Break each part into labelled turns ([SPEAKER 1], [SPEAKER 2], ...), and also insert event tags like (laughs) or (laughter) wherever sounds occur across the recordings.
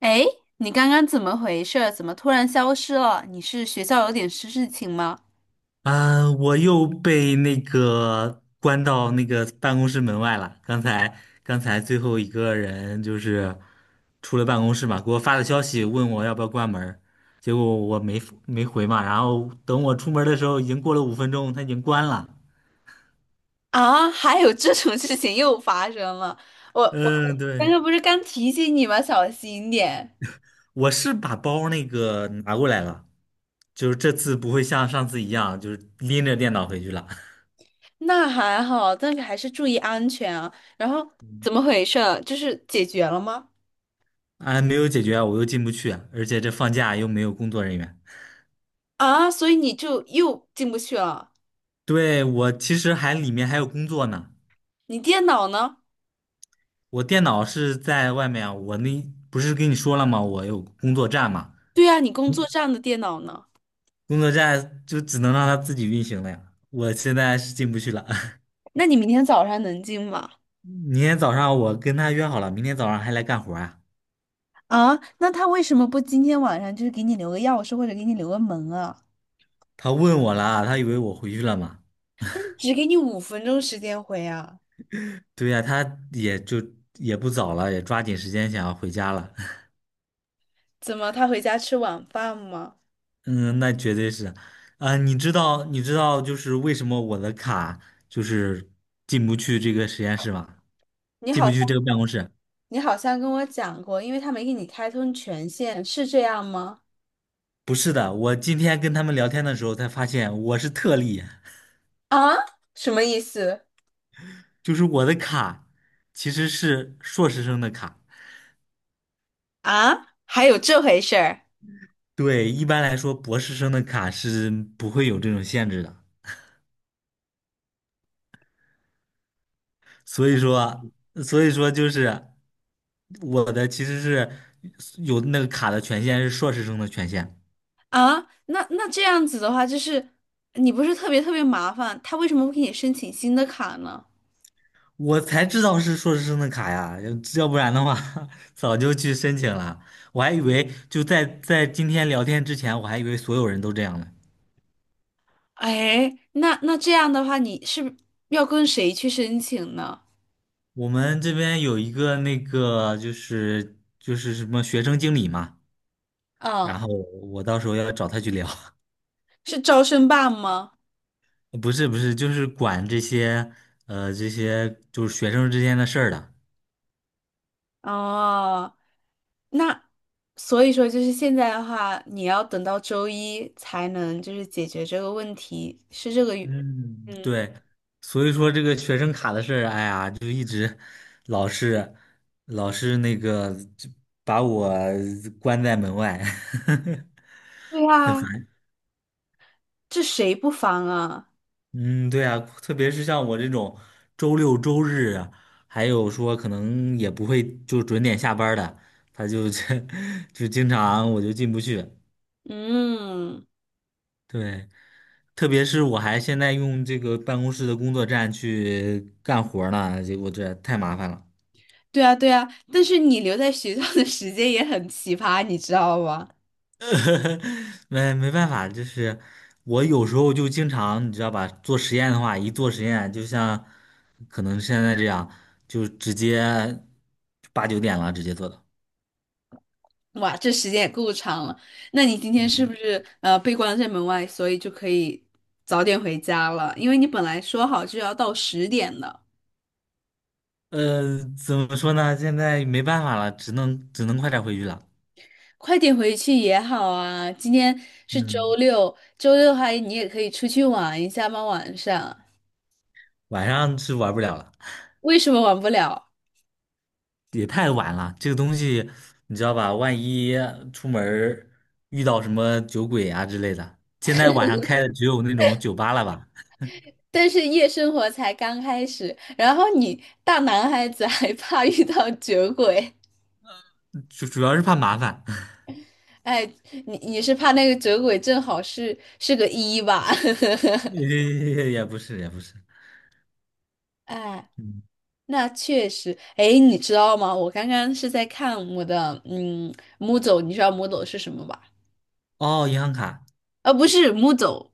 [SPEAKER 1] 哎，你刚刚怎么回事儿怎么突然消失了？你是学校有点事事情吗？
[SPEAKER 2] 啊，我又被那个关到那个办公室门外了。刚才最后一个人就是出了办公室嘛，给我发的消息问我要不要关门儿，结果我没回嘛。然后等我出门儿的时候，已经过了5分钟，他已经关了。
[SPEAKER 1] 啊，还有这种事情又发生了！我
[SPEAKER 2] 嗯，
[SPEAKER 1] 刚
[SPEAKER 2] 对，
[SPEAKER 1] 刚不是刚提醒你吗？小心点。
[SPEAKER 2] 我是把包那个拿过来了，就是这次不会像上次一样，就是拎着电脑回去了。(laughs)
[SPEAKER 1] 那还好，但是还是注意安全啊。然后怎么回事儿就是解决了吗？
[SPEAKER 2] 啊，没有解决啊，我又进不去啊，而且这放假又没有工作人员。
[SPEAKER 1] 啊，所以你就又进不去了。
[SPEAKER 2] 对，我其实还里面还有工作呢。
[SPEAKER 1] 你电脑呢？
[SPEAKER 2] 我电脑是在外面啊，我那不是跟你说了吗？我有工作站嘛，
[SPEAKER 1] 对啊，你工作站的电脑呢？
[SPEAKER 2] 工作站就只能让它自己运行了呀。我现在是进不去了。
[SPEAKER 1] 那你明天早上能进吗？
[SPEAKER 2] (laughs) 明天早上我跟他约好了，明天早上还来干活啊。
[SPEAKER 1] 啊，那他为什么不今天晚上就是给你留个钥匙或者给你留个门啊？
[SPEAKER 2] 他问我了，他以为我回去了嘛？
[SPEAKER 1] 只给你5分钟时间回啊？
[SPEAKER 2] 对呀，他也不早了，也抓紧时间想要回家了。
[SPEAKER 1] 怎么他回家吃晚饭吗？
[SPEAKER 2] 嗯，那绝对是。啊、你知道，你知道，就是为什么我的卡就是进不去这个实验室吗？
[SPEAKER 1] 你
[SPEAKER 2] 进
[SPEAKER 1] 好
[SPEAKER 2] 不
[SPEAKER 1] 像，
[SPEAKER 2] 去这个办公室？
[SPEAKER 1] 你好像跟我讲过，因为他没给你开通权限，是这样吗？
[SPEAKER 2] 不是的，我今天跟他们聊天的时候才发现我是特例。
[SPEAKER 1] 啊？什么意思？
[SPEAKER 2] (laughs) 就是我的卡其实是硕士生的卡。
[SPEAKER 1] 啊？还有这回事儿
[SPEAKER 2] 对，一般来说，博士生的卡是不会有这种限制的，所以说，所以说就是我的其实是有那个卡的权限是硕士生的权限。
[SPEAKER 1] 啊？那那这样子的话，就是你不是特别特别麻烦，他为什么不给你申请新的卡呢？
[SPEAKER 2] 我才知道是硕士生的卡呀，要不然的话 (laughs) 早就去申请了。我还以为就在今天聊天之前，我还以为所有人都这样呢。
[SPEAKER 1] 哎，那那这样的话，你是要跟谁去申请呢？
[SPEAKER 2] 我们这边有一个那个就是什么学生经理嘛，然
[SPEAKER 1] 啊，
[SPEAKER 2] 后我到时候要找他去聊。(laughs)
[SPEAKER 1] 是招生办吗？
[SPEAKER 2] 不是不是，就是管这些就是学生之间的事儿的。
[SPEAKER 1] 哦，那所以说，就是现在的话，你要等到周一才能就是解决这个问题，是这个原
[SPEAKER 2] 嗯，
[SPEAKER 1] 嗯，
[SPEAKER 2] 对，所以说这个学生卡的事儿，哎呀，就一直老是老是那个就把我关在门外，
[SPEAKER 1] 对
[SPEAKER 2] (laughs) 很
[SPEAKER 1] 啊，
[SPEAKER 2] 烦。
[SPEAKER 1] 这谁不防啊？
[SPEAKER 2] 嗯，对啊，特别是像我这种周六周日啊，还有说可能也不会就准点下班儿的，他就 (laughs) 就经常我就进不去。
[SPEAKER 1] 嗯，
[SPEAKER 2] 对，特别是我还现在用这个办公室的工作站去干活儿呢，结果这太麻烦了。
[SPEAKER 1] 对啊，对啊，但是你留在学校的时间也很奇葩，你知道吗？
[SPEAKER 2] (laughs) 没办法，就是我有时候就经常，你知道吧，做实验的话，一做实验，就像可能现在这样，就直接八九点了，直接做的。
[SPEAKER 1] 哇，这时间也够长了。那你今天是不是被关在门外，所以就可以早点回家了？因为你本来说好是要到10点的。
[SPEAKER 2] 怎么说呢？现在没办法了，只能快点回去了。
[SPEAKER 1] 快点回去也好啊。今天是周
[SPEAKER 2] 嗯，
[SPEAKER 1] 六，周六的话你也可以出去玩一下嘛，晚上。
[SPEAKER 2] 晚上是玩不了了，
[SPEAKER 1] 为什么玩不了？
[SPEAKER 2] 也太晚了。这个东西你知道吧？万一出门儿遇到什么酒鬼啊之类的，现在晚上开的只有那种酒吧了吧？
[SPEAKER 1] 但是夜生活才刚开始，然后你大男孩子还 (laughs) 怕遇到酒鬼，
[SPEAKER 2] 主要是怕麻烦。
[SPEAKER 1] 哎，你你是怕那个酒鬼正好是个一吧？
[SPEAKER 2] (laughs) 也不是也不是。
[SPEAKER 1] (laughs) 哎，
[SPEAKER 2] 嗯。
[SPEAKER 1] 那确实，哎，你知道吗？我刚刚是在看我的m o o d l 你知道 m o o d l 是什么吧？
[SPEAKER 2] 哦，银行卡。
[SPEAKER 1] 不是木走，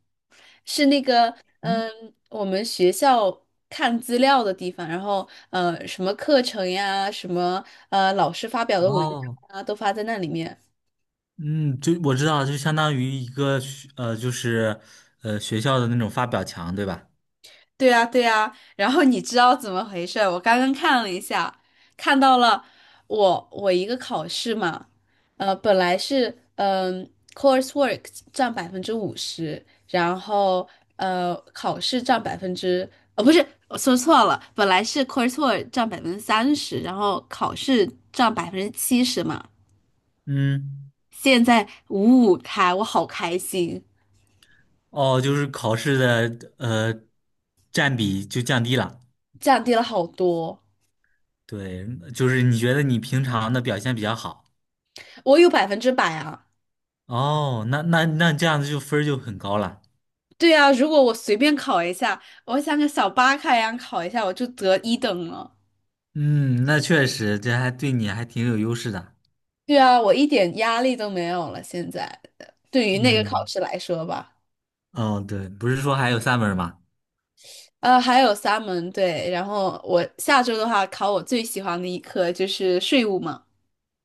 [SPEAKER 1] 是那个
[SPEAKER 2] 嗯。
[SPEAKER 1] 我们学校看资料的地方，然后什么课程呀，什么老师发表的文章
[SPEAKER 2] 哦。
[SPEAKER 1] 啊，都发在那里面。
[SPEAKER 2] 嗯，就我知道了，就相当于一个就是学校的那种发表墙，对吧？
[SPEAKER 1] 对呀，对呀，然后你知道怎么回事？我刚刚看了一下，看到了我一个考试嘛，本来是coursework 占50%，然后考试占百分之不是我说错了，本来是 coursework 占30%，然后考试占70%嘛，
[SPEAKER 2] 嗯。
[SPEAKER 1] 现在五五开，我好开心，
[SPEAKER 2] 哦，就是考试的占比就降低了。
[SPEAKER 1] 降低了好多，
[SPEAKER 2] 对，就是你觉得你平常的表现比较好。
[SPEAKER 1] 我有100%啊。
[SPEAKER 2] 哦，那这样子就分儿就很高了。
[SPEAKER 1] 对啊，如果我随便考一下，我像个小巴卡一样考一下，我就得一等了。
[SPEAKER 2] 嗯，那确实这还对你还挺有优势的。
[SPEAKER 1] 对啊，我一点压力都没有了。现在对于那个考
[SPEAKER 2] 嗯。
[SPEAKER 1] 试来说吧，
[SPEAKER 2] 哦，对，不是说还有3门儿吗？
[SPEAKER 1] 还有3门对，然后我下周的话考我最喜欢的一科就是税务嘛，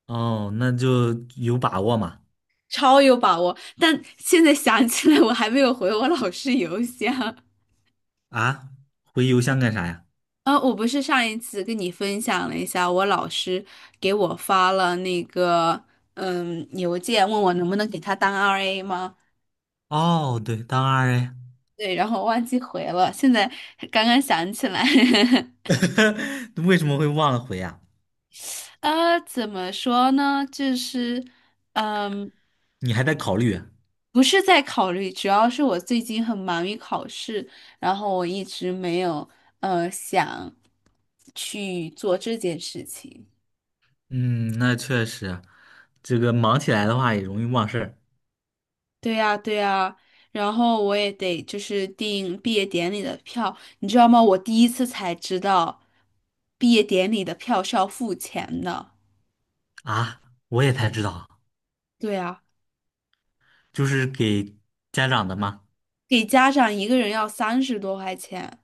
[SPEAKER 2] 哦，那就有把握嘛。
[SPEAKER 1] 超有把握。但现在想起来，我还没有回我老师邮箱。
[SPEAKER 2] 啊，回邮箱干啥呀？
[SPEAKER 1] 我不是上一次跟你分享了一下，我老师给我发了那个邮件，问我能不能给他当 RA 吗？
[SPEAKER 2] 哦，对，当然呀。
[SPEAKER 1] 对，然后忘记回了，现在刚刚想起来。(laughs)
[SPEAKER 2] (laughs) 为什么会忘了回呀？
[SPEAKER 1] 怎么说呢？就是，嗯，
[SPEAKER 2] 你还在考虑啊？
[SPEAKER 1] 不是在考虑，主要是我最近很忙于考试，然后我一直没有想去做这件事情。
[SPEAKER 2] 嗯，那确实，这个忙起来的话也容易忘事儿
[SPEAKER 1] 对呀，对呀，然后我也得就是订毕业典礼的票，你知道吗？我第一次才知道，毕业典礼的票是要付钱的。
[SPEAKER 2] 啊。我也才知道，
[SPEAKER 1] 对呀。
[SPEAKER 2] 就是给家长的嘛。
[SPEAKER 1] 给家长一个人要30多块钱，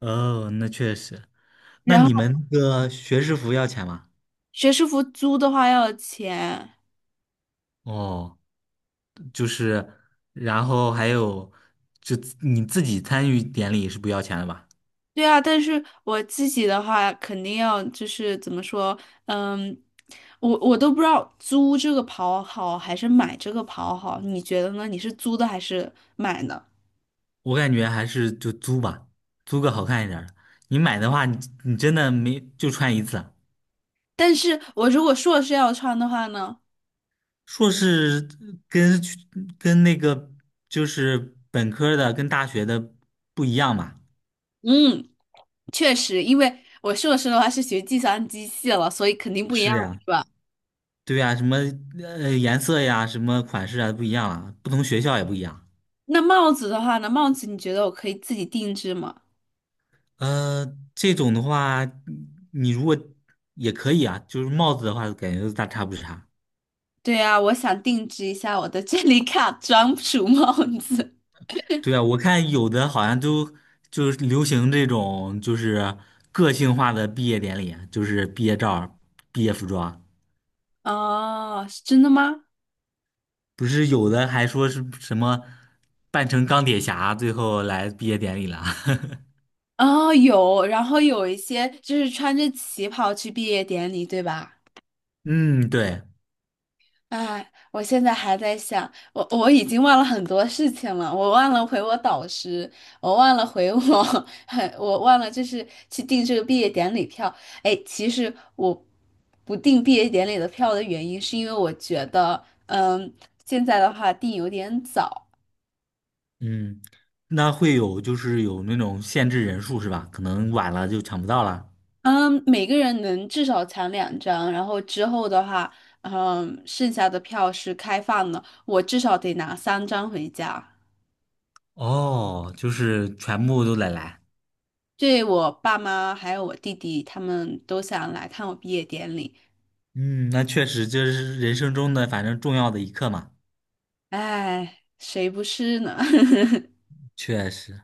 [SPEAKER 2] 哦，那确实。那
[SPEAKER 1] 然后
[SPEAKER 2] 你们那个学士服要钱吗？
[SPEAKER 1] 学士服租的话要钱。
[SPEAKER 2] 哦，就是，然后还有，就你自己参与典礼是不要钱的吧？
[SPEAKER 1] 对啊，但是我自己的话肯定要就是怎么说，嗯，我都不知道租这个袍好还是买这个袍好，你觉得呢？你是租的还是买呢？
[SPEAKER 2] 我感觉还是就租吧，租个好看一点儿的。你买的话，你真的没就穿一次啊。
[SPEAKER 1] 但是我如果硕士要穿的话呢，
[SPEAKER 2] 硕士跟跟那个就是本科的跟大学的不一样嘛？
[SPEAKER 1] 嗯，确实，因为我硕士的话是学计算机系了，所以肯定不一
[SPEAKER 2] 是
[SPEAKER 1] 样了
[SPEAKER 2] 呀，
[SPEAKER 1] 是吧？
[SPEAKER 2] 对呀，什么颜色呀，什么款式啊不一样啊，不同学校也不一样。
[SPEAKER 1] 那帽子的话呢，帽子你觉得我可以自己定制吗？
[SPEAKER 2] 这种的话，你如果也可以啊，就是帽子的话，感觉都大差不差。
[SPEAKER 1] 对呀，我想定制一下我的 (laughs) 这里卡专属帽子。
[SPEAKER 2] 对啊，我看有的好像都就是流行这种就是个性化的毕业典礼，就是毕业照儿毕业服装。
[SPEAKER 1] 哦，是真的吗？
[SPEAKER 2] 不是有的还说是什么扮成钢铁侠，最后来毕业典礼了。(laughs)
[SPEAKER 1] 哦，有，然后有一些就是穿着旗袍去毕业典礼，对吧？
[SPEAKER 2] 嗯，对。
[SPEAKER 1] 哎，我现在还在想，我已经忘了很多事情了，我忘了回我导师，我忘了回我，(laughs) 我忘了就是去订这个毕业典礼票。哎，其实我不订毕业典礼的票的原因，是因为我觉得，嗯，现在的话订有点早。
[SPEAKER 2] 嗯，那会有就是有那种限制人数是吧？可能晚了就抢不到了。
[SPEAKER 1] 嗯，每个人能至少抢2张，然后之后的话，嗯，剩下的票是开放的，我至少得拿3张回家。
[SPEAKER 2] 哦，就是全部都得来。
[SPEAKER 1] 对我爸妈还有我弟弟，他们都想来看我毕业典礼，
[SPEAKER 2] 嗯，那确实就是人生中的反正重要的一刻嘛。
[SPEAKER 1] 哎，谁不是呢？(laughs)
[SPEAKER 2] 确实。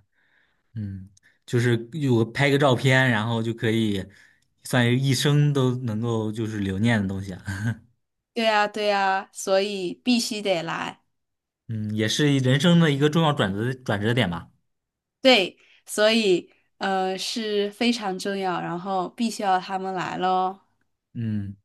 [SPEAKER 2] 嗯，就是有拍个照片，然后就可以算是一生都能够就是留念的东西啊。(laughs)
[SPEAKER 1] 对呀，对呀，所以必须得来。
[SPEAKER 2] 嗯，也是人生的一个重要转折点吧。
[SPEAKER 1] 对，所以是非常重要，然后必须要他们来咯。
[SPEAKER 2] 嗯。